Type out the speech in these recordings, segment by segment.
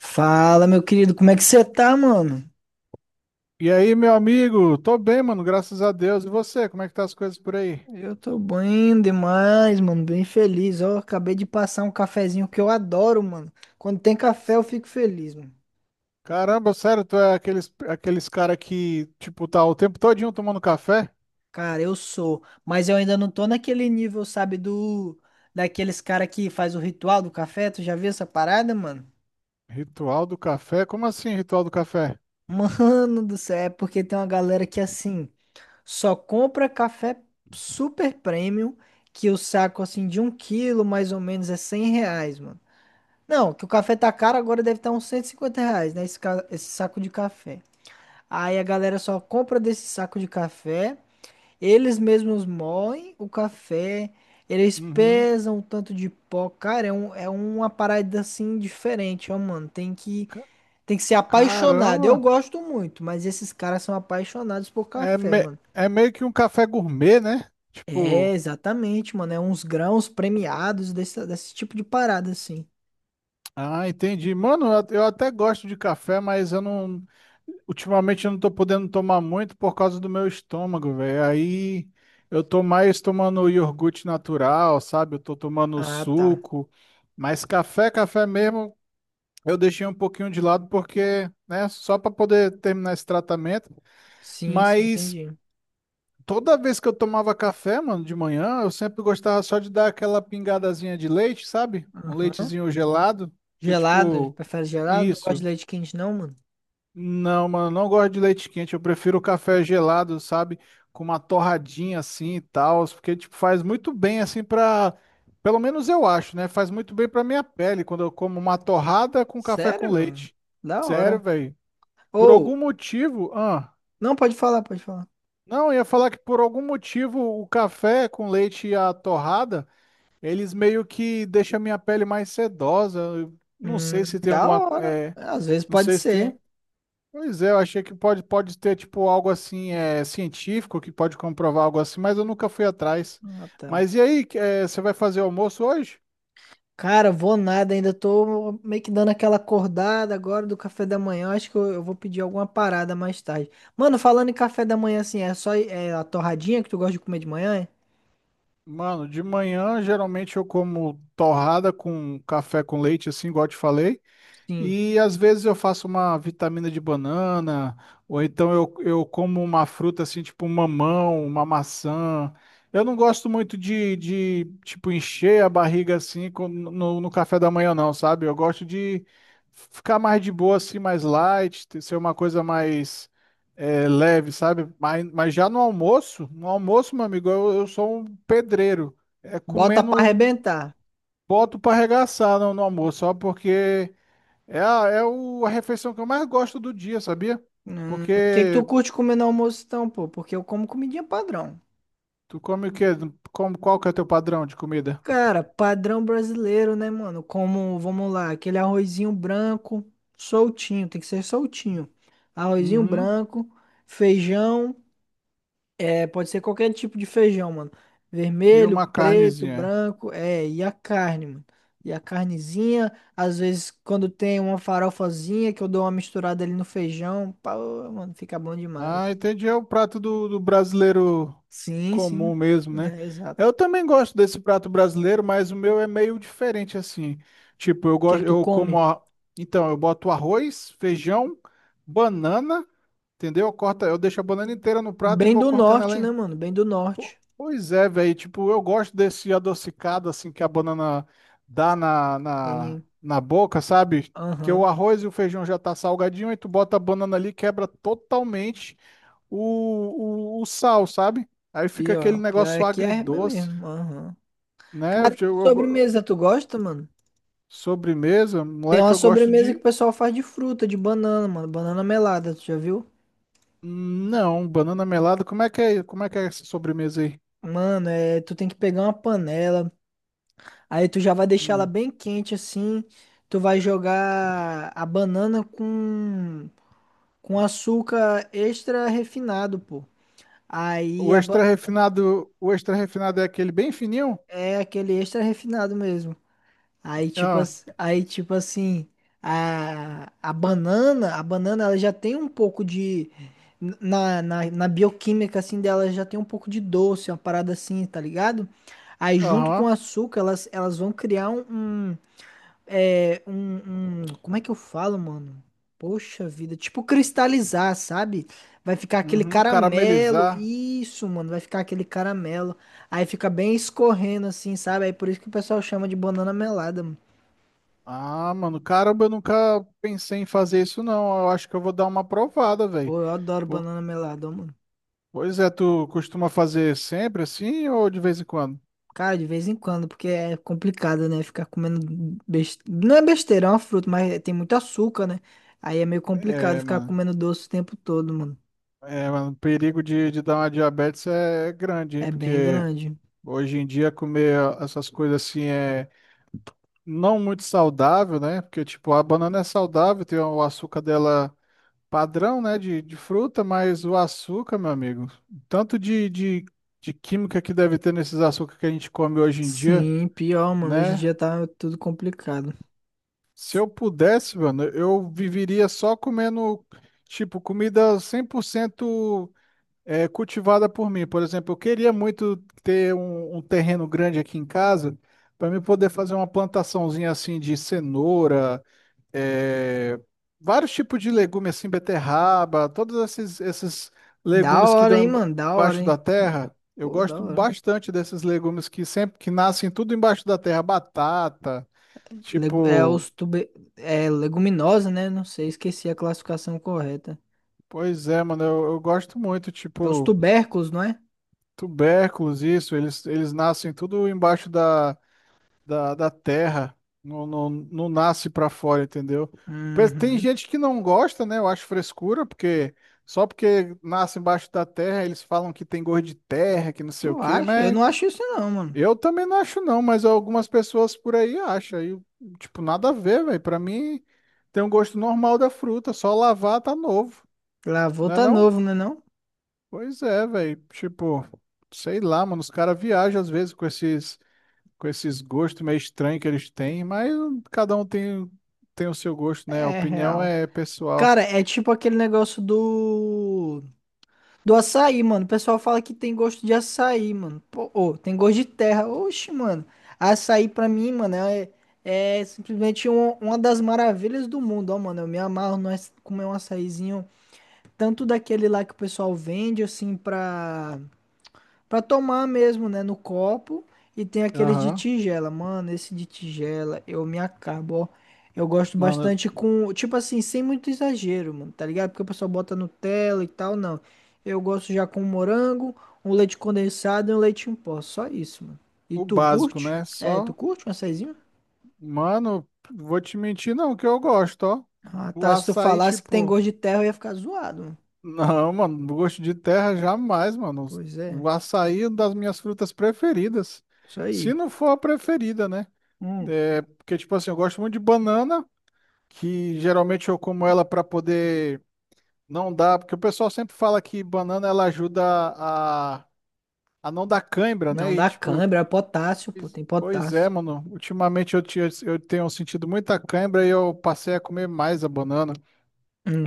Fala, meu querido, como é que você tá, mano? E aí, meu amigo? Tô bem, mano, graças a Deus. E você, como é que tá as coisas por aí? Eu tô bem demais, mano, bem feliz. Ó, acabei de passar um cafezinho que eu adoro, mano. Quando tem café, eu fico feliz, mano. Caramba, sério, tu é aqueles cara que, tipo, tá o tempo todinho tomando café? Cara, eu sou, mas eu ainda não tô naquele nível, sabe, do daqueles cara que faz o ritual do café. Tu já viu essa parada, mano? Ritual do café? Como assim, ritual do café? Mano do céu, é porque tem uma galera que assim, só compra café super premium, que o saco assim de um quilo mais ou menos é R$ 100, mano. Não, que o café tá caro, agora deve estar uns R$ 150, né? Esse saco de café. Aí a galera só compra desse saco de café, eles mesmos moem o café, eles Uhum. pesam o tanto de pó. Cara, é uma parada assim diferente, ó, mano. Tem que, Ca- tem que ser apaixonado. Caramba! Eu gosto muito, mas esses caras são apaixonados por É, café, me- mano. É meio que um café gourmet, né? É, Tipo, exatamente, mano. É uns grãos premiados desse tipo de parada, assim. ah, entendi. Mano, eu até gosto de café, mas eu não. Ultimamente eu não tô podendo tomar muito por causa do meu estômago, velho. Aí eu tô mais tomando iogurte natural, sabe? Eu tô tomando Ah, tá. suco. Mas café mesmo, eu deixei um pouquinho de lado porque, né, só para poder terminar esse tratamento. Sim, sim, Mas entendi. toda vez que eu tomava café, mano, de manhã, eu sempre gostava só de dar aquela pingadazinha de leite, sabe? Um Aham. leitezinho gelado, que é Gelado? tipo, Prefere gelado? Não gosta de isso. leite quente, não, mano? Não, mano, eu não gosto de leite quente, eu prefiro o café gelado, sabe? Com uma torradinha assim e tal, porque tipo faz muito bem assim pra, pelo menos eu acho, né? Faz muito bem pra minha pele quando eu como uma torrada com café com Sério, mano? leite. Da Sério, hora. velho. Por algum Ou, motivo, ah, não, pode falar, pode falar. não, eu ia falar que por algum motivo o café com leite e a torrada, eles meio que deixam a minha pele mais sedosa. Eu não sei se tem Da hora. Às vezes não pode sei se ser. tem. Pois é, eu achei que pode ter tipo algo assim, científico que pode comprovar algo assim, mas eu nunca fui atrás. Ah, tá. Mas e aí, você vai fazer almoço hoje? Cara, vou nada, ainda tô meio que dando aquela acordada agora do café da manhã. Acho que eu vou pedir alguma parada mais tarde. Mano, falando em café da manhã, assim, é só é a torradinha que tu gosta de comer de manhã, é? Mano, de manhã geralmente eu como torrada com café com leite, assim, igual eu te falei. Sim. E às vezes eu faço uma vitamina de banana, ou então eu como uma fruta assim, tipo um mamão, uma maçã. Eu não gosto muito de tipo, encher a barriga assim no café da manhã, não, sabe? Eu gosto de ficar mais de boa, assim, mais light, ser uma coisa mais leve, sabe? Mas já no almoço, no almoço, meu amigo, eu sou um pedreiro. É Bota pra comendo, arrebentar. boto pra arregaçar no almoço, só porque é, é a refeição que eu mais gosto do dia, sabia? O que que tu Porque curte comer no almoço, então, pô? Porque eu como comidinha padrão. tu come o quê? Como, qual que é teu padrão de comida? Cara, padrão brasileiro, né, mano? Como, vamos lá, aquele arrozinho branco, soltinho, tem que ser soltinho. Arrozinho Uhum. branco, feijão, é, pode ser qualquer tipo de feijão, mano. E Vermelho, uma preto, carnezinha. branco, é, e a carne, mano. E a carnezinha, às vezes quando tem uma farofazinha que eu dou uma misturada ali no feijão, pá, mano, fica bom demais. Ah, entendi. É o prato do brasileiro Sim, comum sim, mesmo, né? é, exato. Eu também gosto desse prato brasileiro, mas o meu é meio diferente assim. Tipo, eu O que que gosto, tu eu como come? a... Então, eu boto arroz, feijão, banana, entendeu? Eu corto, eu deixo a banana inteira no prato e Bem vou do cortando norte, ela. né, mano? Bem do norte. Pois é, velho. Tipo, eu gosto desse adocicado assim que a banana dá Sim, na boca, sabe? Que o aham. arroz e o feijão já tá salgadinho, aí tu bota a banana ali, quebra totalmente o sal, sabe? Aí fica aquele Pior, pior é negócio que é RB agridoce, mesmo, aham. né? Cara, que sobremesa tu gosta, mano? Sobremesa, Tem moleque, uma eu gosto sobremesa que o de. pessoal faz de fruta, de banana, mano. Banana melada, tu já viu? Não, banana melada. Como é que é essa sobremesa aí? Mano, tu tem que pegar uma panela, aí tu já vai deixar ela Hum. bem quente assim. Tu vai jogar a banana com açúcar extra refinado, pô. Aí a ba- O extra refinado é aquele bem fininho? É aquele extra refinado mesmo. Aí tipo, Ah, tipo assim, a banana ela já tem um pouco de. Na bioquímica assim dela já tem um pouco de doce, uma parada assim, tá ligado? Aí junto com o aham. açúcar, elas vão criar um, um. Como é que eu falo, mano? Poxa vida, tipo cristalizar, sabe? Vai ficar aquele Uhum, caramelo. caramelizar. Isso, mano, vai ficar aquele caramelo. Aí fica bem escorrendo assim, sabe? Aí por isso que o pessoal chama de banana melada, mano. Ah, mano, caramba, eu nunca pensei em fazer isso, não. Eu acho que eu vou dar uma provada, velho. Pô, eu adoro banana melada, ó, mano. Pois é, tu costuma fazer sempre assim ou de vez em quando? Cara, de vez em quando, porque é complicado, né? Ficar comendo besteira. Não é besteira, é uma fruta, mas tem muito açúcar, né? Aí é meio complicado É, ficar mano. comendo doce o tempo todo, mano. É, mano, o perigo de dar uma diabetes é grande, hein? É bem Porque grande. hoje em dia comer essas coisas assim é não muito saudável, né? Porque, tipo, a banana é saudável, tem o açúcar dela padrão, né, de fruta, mas o açúcar, meu amigo, tanto de química que deve ter nesses açúcares que a gente come hoje em dia, Sim, pior, mano. Hoje em né? dia tá tudo complicado. Se eu pudesse, mano, eu viveria só comendo, tipo, comida 100% cultivada por mim. Por exemplo, eu queria muito ter um terreno grande aqui em casa para mim poder fazer uma plantaçãozinha assim de cenoura, é, vários tipos de legumes assim, beterraba, todos esses Da legumes que hora, hein, dão mano? Da hora, embaixo hein? da terra. Eu Pô, da gosto hora. bastante desses legumes que sempre que nascem tudo embaixo da terra, batata, Legu- É tipo, os tube... É leguminosa, né? Não sei, esqueci a classificação correta. pois é, mano, eu gosto muito, É os tipo, tubérculos, não é? tubérculos, isso, eles nascem tudo embaixo da da terra, não nasce para fora, entendeu? Tem Uhum. gente que não gosta, né? Eu acho frescura, porque só porque nasce embaixo da terra, eles falam que tem gosto de terra, que não sei o Tu quê, acha? Eu mas não acho isso não, mano. eu também não acho, não, mas algumas pessoas por aí acham. Aí, tipo, nada a ver, velho. Pra mim, tem um gosto normal da fruta, só lavar tá novo, Lavou não é tá não? novo, né não? Pois é, velho. Tipo, sei lá, mano, os caras viajam às vezes com esses gostos meio estranhos que eles têm, mas cada um tem, tem o seu gosto, né? A É opinião real. é pessoal. Cara, é tipo aquele negócio do açaí, mano. O pessoal fala que tem gosto de açaí, mano. Pô, ô, tem gosto de terra. Oxe, mano. Açaí pra mim, mano, é simplesmente uma das maravilhas do mundo, ó, mano. Eu me amarro nós comer um açaizinho, tanto daquele lá que o pessoal vende assim pra tomar mesmo, né? No copo. E tem aqueles de Aham. tigela. Mano, esse de tigela, eu me acabo, ó. Eu gosto Mano, bastante com. Tipo assim, sem muito exagero, mano, tá ligado? Porque o pessoal bota Nutella e tal, não. Eu gosto já com morango, um leite condensado e um leite em pó. Só isso, mano. E o tu básico, curte? né? É, tu Só, curte um açaizinho? mano, vou te mentir, não, que eu gosto, ó. Ah, O tá. Se tu açaí, falasse que tem tipo, gosto de terra, eu ia ficar zoado, mano. não, mano, gosto de terra jamais, mano. Pois é. O açaí é uma das minhas frutas preferidas. Isso Se aí. não for a preferida, né? Hum. É, porque, tipo assim, eu gosto muito de banana, que geralmente eu como ela pra poder não dá, porque o pessoal sempre fala que banana ela ajuda a não dar cãibra, né? Não E dá tipo, câimbra, é potássio, pô. Tem pois é, potássio. mano. Ultimamente eu tenho sentido muita cãibra e eu passei a comer mais a banana.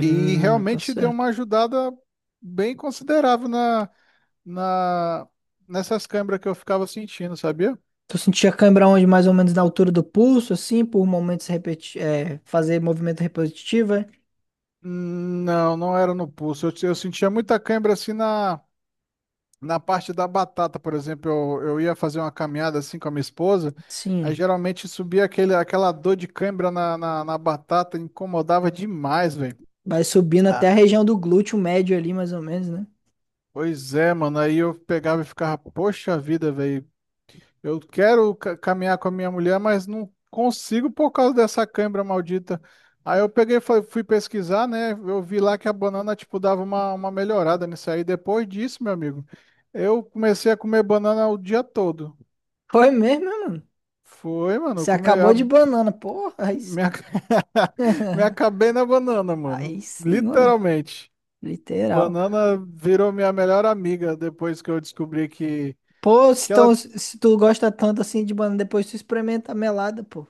E Tá realmente deu certo. uma ajudada bem considerável na, nessas cãibras que eu ficava sentindo, sabia? Tu sentia cãibra onde? Mais ou menos na altura do pulso, assim, por momentos repeti fazer movimento repetitivo, é? Não, não era no pulso. Eu sentia muita cãibra assim na. Na parte da batata, por exemplo, eu ia fazer uma caminhada assim com a minha esposa, Sim. aí geralmente subia aquela dor de cãibra na batata, incomodava demais, velho. Vai subindo até Ah. a região do glúteo médio ali, mais ou menos, né? Pois é, mano, aí eu pegava e ficava, poxa vida, velho, eu quero caminhar com a minha mulher, mas não consigo por causa dessa cãibra maldita. Aí eu peguei, e fui pesquisar, né, eu vi lá que a banana, tipo, dava uma melhorada nisso aí. Depois disso, meu amigo, eu comecei a comer banana o dia todo. Foi mesmo, irmão? Foi, mano. Eu Você Come... acabou a- de banana, porra, aí sim. Me... ac- Me acabei na banana, Aí mano. sim, moleque. Literalmente. Literal. Banana virou minha melhor amiga depois que eu descobri Pô, se, que ela. tão- se tu gosta tanto assim de banana, depois tu experimenta a melada, pô.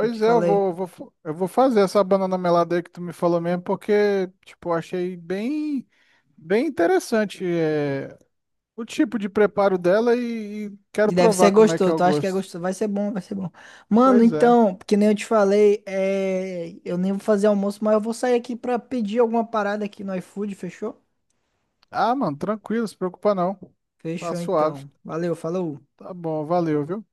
Eu te é, falei. Eu vou fazer essa banana melada aí que tu me falou mesmo, porque, tipo, eu achei bem, bem interessante o tipo de preparo dela e quero Deve ser provar como é que é gostoso, o tu acha que é gosto. gostoso? Vai ser bom, vai ser bom. Mano, Pois é. então, que nem eu te falei, eu nem vou fazer almoço, mas eu vou sair aqui pra pedir alguma parada aqui no iFood, fechou? Ah, mano, tranquilo, se preocupa não. Tá Fechou suave. então. Valeu, falou. Tá bom, valeu, viu?